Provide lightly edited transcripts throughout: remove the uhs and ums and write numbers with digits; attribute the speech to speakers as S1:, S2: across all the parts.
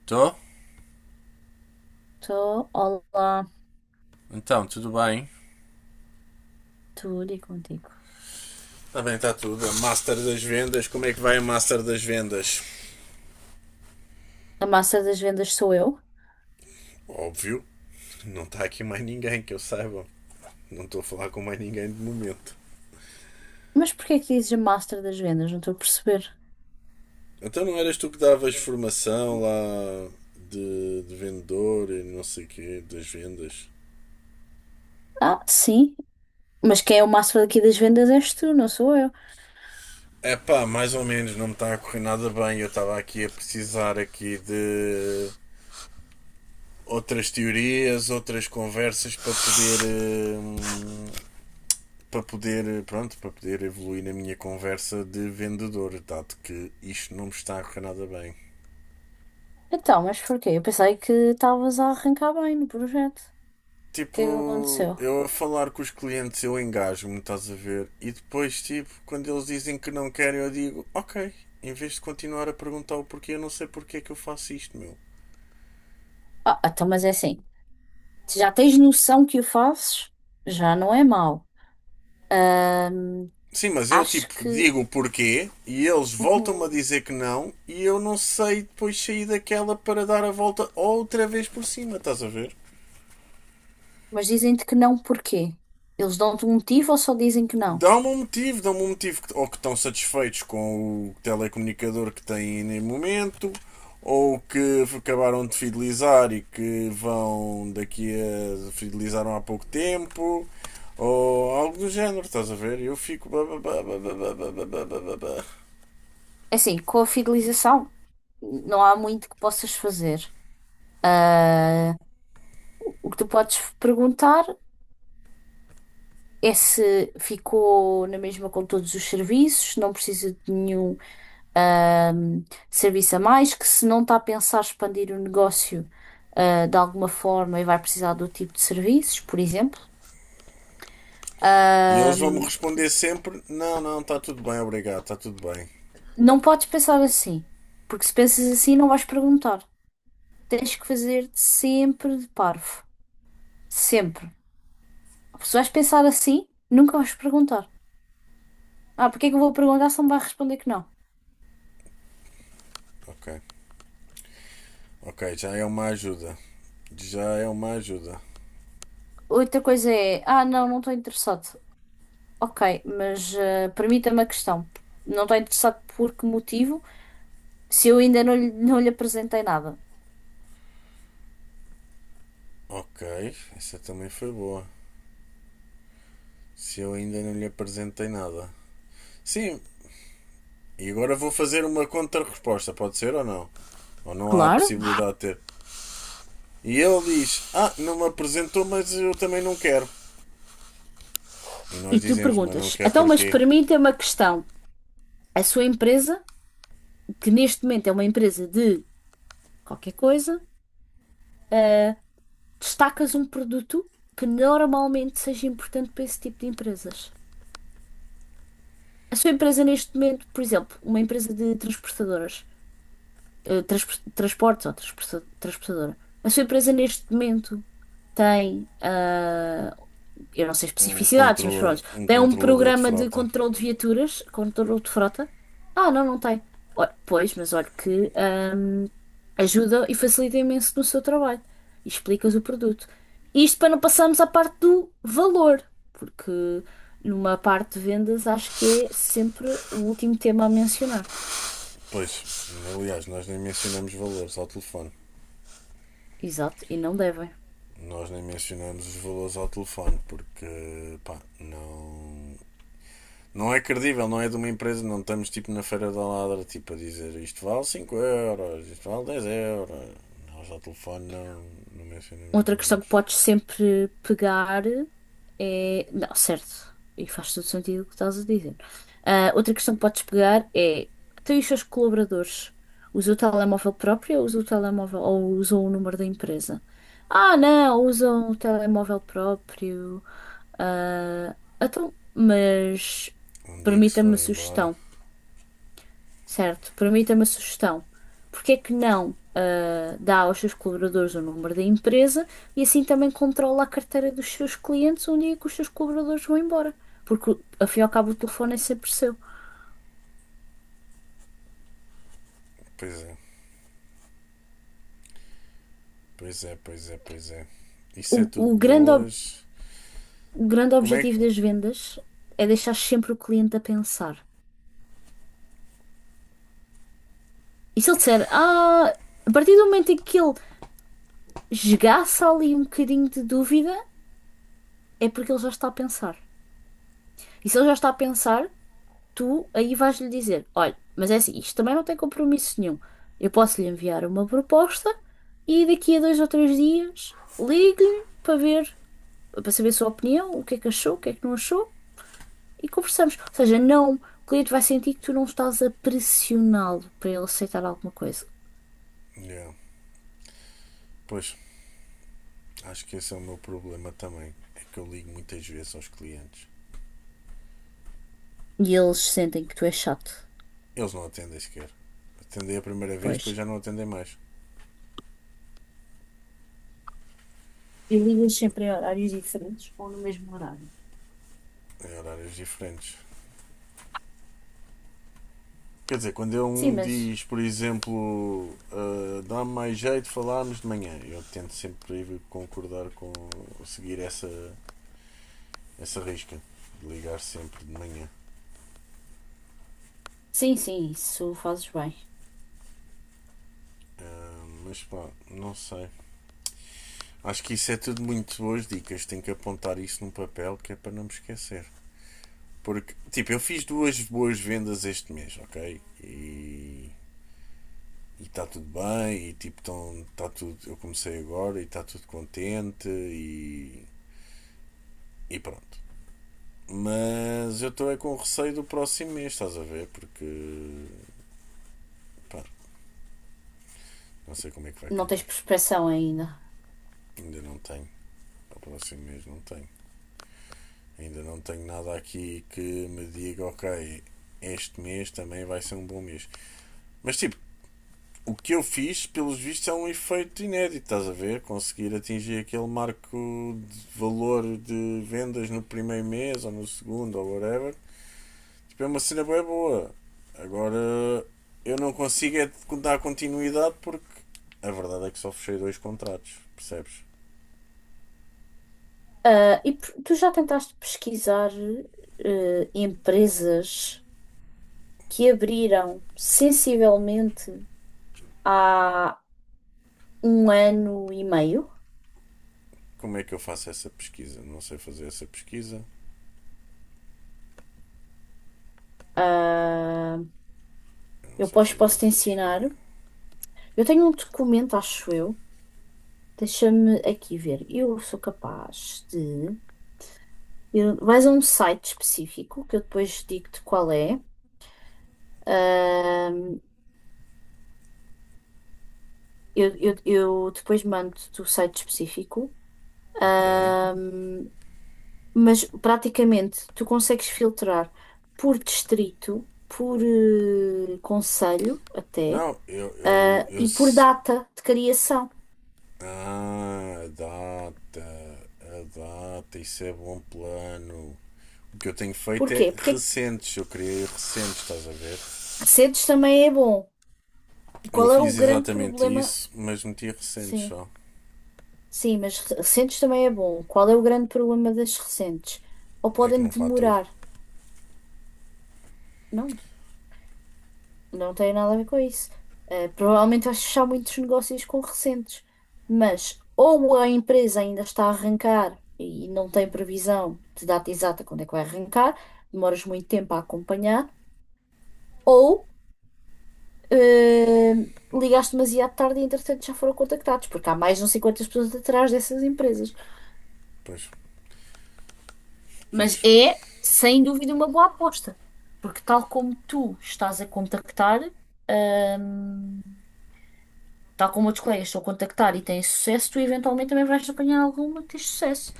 S1: Estou?
S2: Estou, olá,
S1: Então, tudo bem?
S2: tudo e contigo.
S1: Está bem, está tudo. A Master das Vendas, como é que vai a Master das Vendas?
S2: A master das vendas sou eu.
S1: Óbvio, não está aqui mais ninguém que eu saiba. Não estou a falar com mais ninguém de momento.
S2: Mas porquê que dizes a master das vendas? Não estou a perceber.
S1: Então não eras tu que davas formação lá de vendedor e não sei o quê, das vendas?
S2: Ah, sim, mas quem é o master daqui das vendas és tu, não sou eu.
S1: É pá, mais ou menos, não me está a correr nada bem. Eu estava aqui a precisar aqui de outras teorias, outras conversas para poder, para poder, pronto, para poder evoluir na minha conversa de vendedor, dado que isto não me está a correr nada bem.
S2: Então, mas porquê? Eu pensei que estavas a arrancar bem no projeto. O que é que
S1: Tipo,
S2: aconteceu?
S1: eu a falar com os clientes eu engajo-me, estás a ver? E depois, tipo, quando eles dizem que não querem, eu digo, ok, em vez de continuar a perguntar o porquê, eu não sei porquê que eu faço isto, meu.
S2: Ah, então, mas é assim, se já tens noção que o fazes, já não é mau. Ahm,
S1: Sim, mas eu
S2: acho
S1: tipo
S2: que.
S1: digo o porquê e eles voltam-me a
S2: Uhum.
S1: dizer que não e eu não sei depois sair daquela para dar a volta outra vez por cima, estás a ver?
S2: Mas dizem-te que não, porquê? Eles dão-te um motivo ou só dizem que não?
S1: Dá-me um motivo, dá-me um motivo. Ou que estão satisfeitos com o telecomunicador que têm no momento, ou que acabaram de fidelizar e que vão daqui a. Fidelizaram há pouco tempo, ou algo do género, estás a ver? Eu fico.
S2: É assim, com a fidelização, não há muito que possas fazer. Ah, o que tu podes perguntar é se ficou na mesma com todos os serviços, se não precisa de nenhum, ah, serviço a mais, que se não está a pensar expandir o negócio, de alguma forma e vai precisar do tipo de serviços, por exemplo.
S1: E eles
S2: Ah,
S1: vão-me responder sempre: não, não, está tudo bem, obrigado, está tudo bem.
S2: não podes pensar assim, porque se pensas assim não vais perguntar. Tens que fazer sempre de parvo. Sempre. Se vais pensar assim, nunca vais perguntar. Ah, porque é que eu vou perguntar se não me vai responder que não?
S1: Ok, ok, já é uma ajuda. Já é uma ajuda.
S2: Outra coisa é, ah, não, não estou interessado. Ok, mas permita-me a questão. Não estou interessado por que motivo se eu ainda não lhe apresentei nada?
S1: Ok, essa também foi boa. Se eu ainda não lhe apresentei nada. Sim, e agora vou fazer uma contra-resposta, pode ser ou não? Ou não há a
S2: Claro.
S1: possibilidade de ter? E ele diz: Ah, não me apresentou, mas eu também não quero. E nós
S2: E tu
S1: dizemos: Mas não
S2: perguntas,
S1: quer
S2: então, mas
S1: porquê?
S2: permita-me a questão. A sua empresa, que neste momento é uma empresa de qualquer coisa, eh, destacas um produto que normalmente seja importante para esse tipo de empresas. A sua empresa neste momento, por exemplo, uma empresa de transportadoras, transportes ou transportadora. A sua empresa neste momento tem, eu não sei especificidades, mas pronto,
S1: Um
S2: tem um
S1: controlador de
S2: programa de
S1: frota.
S2: controle de viaturas, controle de frota. Ah, não, não tem. Olha, pois, mas olha que ajuda e facilita imenso no seu trabalho. E explicas o produto. Isto para não passarmos à parte do valor, porque numa parte de vendas acho que é sempre o último tema a mencionar.
S1: Pois, aliás, nós nem mencionamos valores ao telefone.
S2: Exato, e não devem.
S1: Nós nem mencionamos os valores ao telefone porque, pá, não. Não é credível, não é de uma empresa, não estamos tipo na feira da ladra, tipo a dizer isto vale 5 euros, isto vale 10 euros. Nós ao telefone não, não mencionamos
S2: Outra questão que
S1: valores.
S2: podes sempre pegar é. Não, certo. E faz todo sentido o que estás a dizer. Ah, outra questão que podes pegar é. Tem os seus colaboradores. Usa o telemóvel próprio ou usa o telemóvel ou usam o número da empresa? Ah, não, usam o telemóvel próprio. Ah, então, mas
S1: Um dia que se
S2: permita-me a
S1: forem embora,
S2: sugestão. Certo, permita-me a sugestão. Porque é que não dá aos seus colaboradores o número da empresa e assim também controla a carteira dos seus clientes um dia que os seus colaboradores vão embora? Porque, afinal, ao cabo, o telefone é sempre seu.
S1: pois é, pois é.
S2: O,
S1: Isso é tudo
S2: o grande, ob-
S1: boas.
S2: o grande
S1: Como é
S2: objetivo
S1: que.
S2: das vendas é deixar sempre o cliente a pensar. E se ele disser, ah, a partir do momento em que ele esgaça ali um bocadinho de dúvida, é porque ele já está a pensar. E se ele já está a pensar, tu aí vais-lhe dizer: olha, mas é assim, isto também não tem compromisso nenhum. Eu posso lhe enviar uma proposta e daqui a dois ou três dias ligo-lhe para ver, para saber a sua opinião, o que é que achou, o que é que não achou e conversamos. Ou seja, não, o cliente vai sentir que tu não estás a pressioná-lo para ele aceitar alguma coisa.
S1: Yeah. Pois, acho que esse é o meu problema também. É que eu ligo muitas vezes aos clientes.
S2: E eles sentem que tu és chato.
S1: Eles não atendem sequer. Atendem a primeira vez,
S2: Pois.
S1: depois já não atendem mais.
S2: E ligas sempre a horários diferentes ou no mesmo horário?
S1: Em horários diferentes. Quer dizer, quando eu
S2: Sim,
S1: um
S2: mas.
S1: diz, por exemplo, ah, dá-me mais jeito de falarmos de manhã, eu tento sempre concordar com seguir essa risca de ligar sempre de manhã.
S2: Sim, sim, isso fazes bem.
S1: Ah, mas pá, não sei. Acho que isso é tudo muito boas dicas. Tenho que apontar isso num papel que é para não me esquecer. Porque, tipo, eu fiz duas boas vendas este mês, ok? E está tudo bem, e tipo, tão, tá tudo, eu comecei agora e está tudo contente e pronto. Mas eu estou é com receio do próximo mês, estás a ver? Porque pá, não sei como é que vai
S2: Não
S1: calhar.
S2: tens prospeção ainda.
S1: Ainda não tenho. Para o próximo mês não tenho. Ainda não tenho nada aqui que me diga, ok, este mês também vai ser um bom mês. Mas tipo, o que eu fiz, pelos vistos, é um efeito inédito, estás a ver? Conseguir atingir aquele marco de valor de vendas no primeiro mês ou no segundo ou whatever. Tipo, é uma cena bem boa. Agora, eu não consigo é dar continuidade porque a verdade é que só fechei dois contratos, percebes?
S2: Tu já tentaste pesquisar empresas que abriram sensivelmente há um ano e meio?
S1: Como é que eu faço essa pesquisa? Não sei fazer essa pesquisa.
S2: Ah,
S1: Eu não
S2: eu
S1: sei
S2: posso,
S1: fazer
S2: posso te
S1: essa
S2: ensinar.
S1: pesquisa.
S2: Eu tenho um documento, acho eu. Deixa-me aqui ver. Eu sou capaz de. Vais a um site específico que eu depois digo-te qual é. Ahm, eu depois mando-te o site específico.
S1: Ok.
S2: Ahm, mas praticamente tu consegues filtrar por distrito, por conselho até,
S1: Não, eu. Eu
S2: e por
S1: se-
S2: data de criação.
S1: ah, a data. A data, isso é bom plano. O que eu tenho feito
S2: Porquê?
S1: é
S2: Porque
S1: recentes. Eu criei recentes, estás a ver?
S2: Recedes também é bom.
S1: Eu
S2: Qual é o
S1: fiz
S2: grande
S1: exatamente
S2: problema?
S1: isso, mas meti recentes
S2: Sim,
S1: só.
S2: sim, mas recentes também é bom. Qual é o grande problema das recentes? Ou
S1: É que
S2: podem
S1: não faturo.
S2: demorar? Não, não tem nada a ver com isso. Provavelmente vais fechar muitos negócios com recentes, mas ou a empresa ainda está a arrancar e não tem previsão de data exata quando é que vai arrancar, demoras muito tempo a acompanhar, ou eh, ligaste demasiado tarde e entretanto já foram contactados, porque há mais de uns 50 pessoas atrás dessas empresas.
S1: Pois,
S2: Mas
S1: pois,
S2: é, sem dúvida, uma boa aposta. Porque tal como tu estás a contactar, hum, tal como outros colegas estão a contactar e têm sucesso, tu eventualmente também vais apanhar alguma que tens sucesso.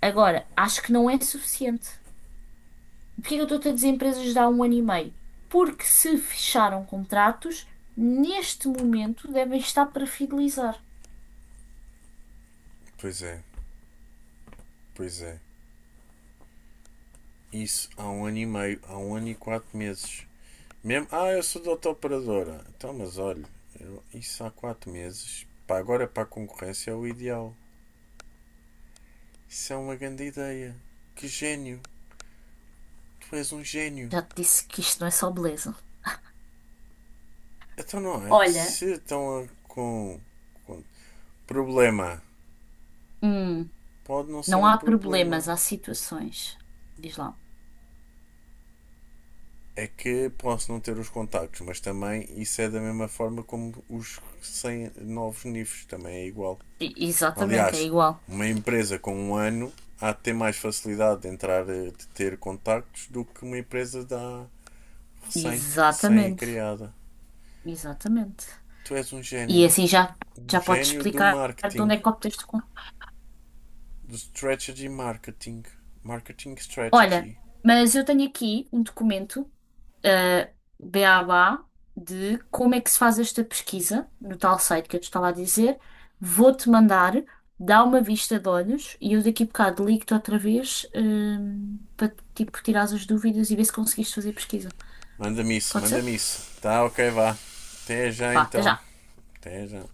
S2: Agora, acho que não é suficiente. Porquê que eu estou a dizer empresas de há um ano e meio? Porque se fecharam contratos, neste momento devem estar para fidelizar.
S1: pois é, pois é. Isso há 1 ano e meio, há 1 ano e 4 meses. Mesmo, ah, eu sou da operadora. Então, mas olha, eu- isso há 4 meses. Para agora, para a concorrência, é o ideal. Isso é uma grande ideia. Que gênio. Tu és um gênio.
S2: Já te disse que isto não é só beleza.
S1: Então, não é?
S2: Olha,
S1: Se estão com, com problema,
S2: hum,
S1: pode não ser
S2: não
S1: um
S2: há
S1: problema.
S2: problemas, há situações. Diz lá.
S1: É que posso não ter os contactos, mas também isso é da mesma forma como os 100 novos níveis também é igual.
S2: E- exatamente, é
S1: Aliás,
S2: igual.
S1: uma empresa com 1 ano há de ter mais facilidade de entrar, eh, de ter contactos do que uma empresa da recém
S2: Exatamente,
S1: criada.
S2: exatamente.
S1: Tu és um
S2: E
S1: gênio.
S2: assim já,
S1: Um
S2: já podes
S1: gênio do
S2: explicar de
S1: marketing.
S2: onde é que obteste com.
S1: Do strategy marketing. Marketing
S2: Olha,
S1: strategy.
S2: mas eu tenho aqui um documento, BABA, de como é que se faz esta pesquisa no tal site que eu te estava a dizer. Vou-te mandar, dá uma vista de olhos e eu daqui a bocado ligo-te outra vez, para tipo, tirar as dúvidas e ver se conseguiste fazer pesquisa.
S1: Manda-me isso,
S2: Pode ser?
S1: manda-me isso. Tá, ok, vá. Até já
S2: Vá, até já.
S1: então. Até já.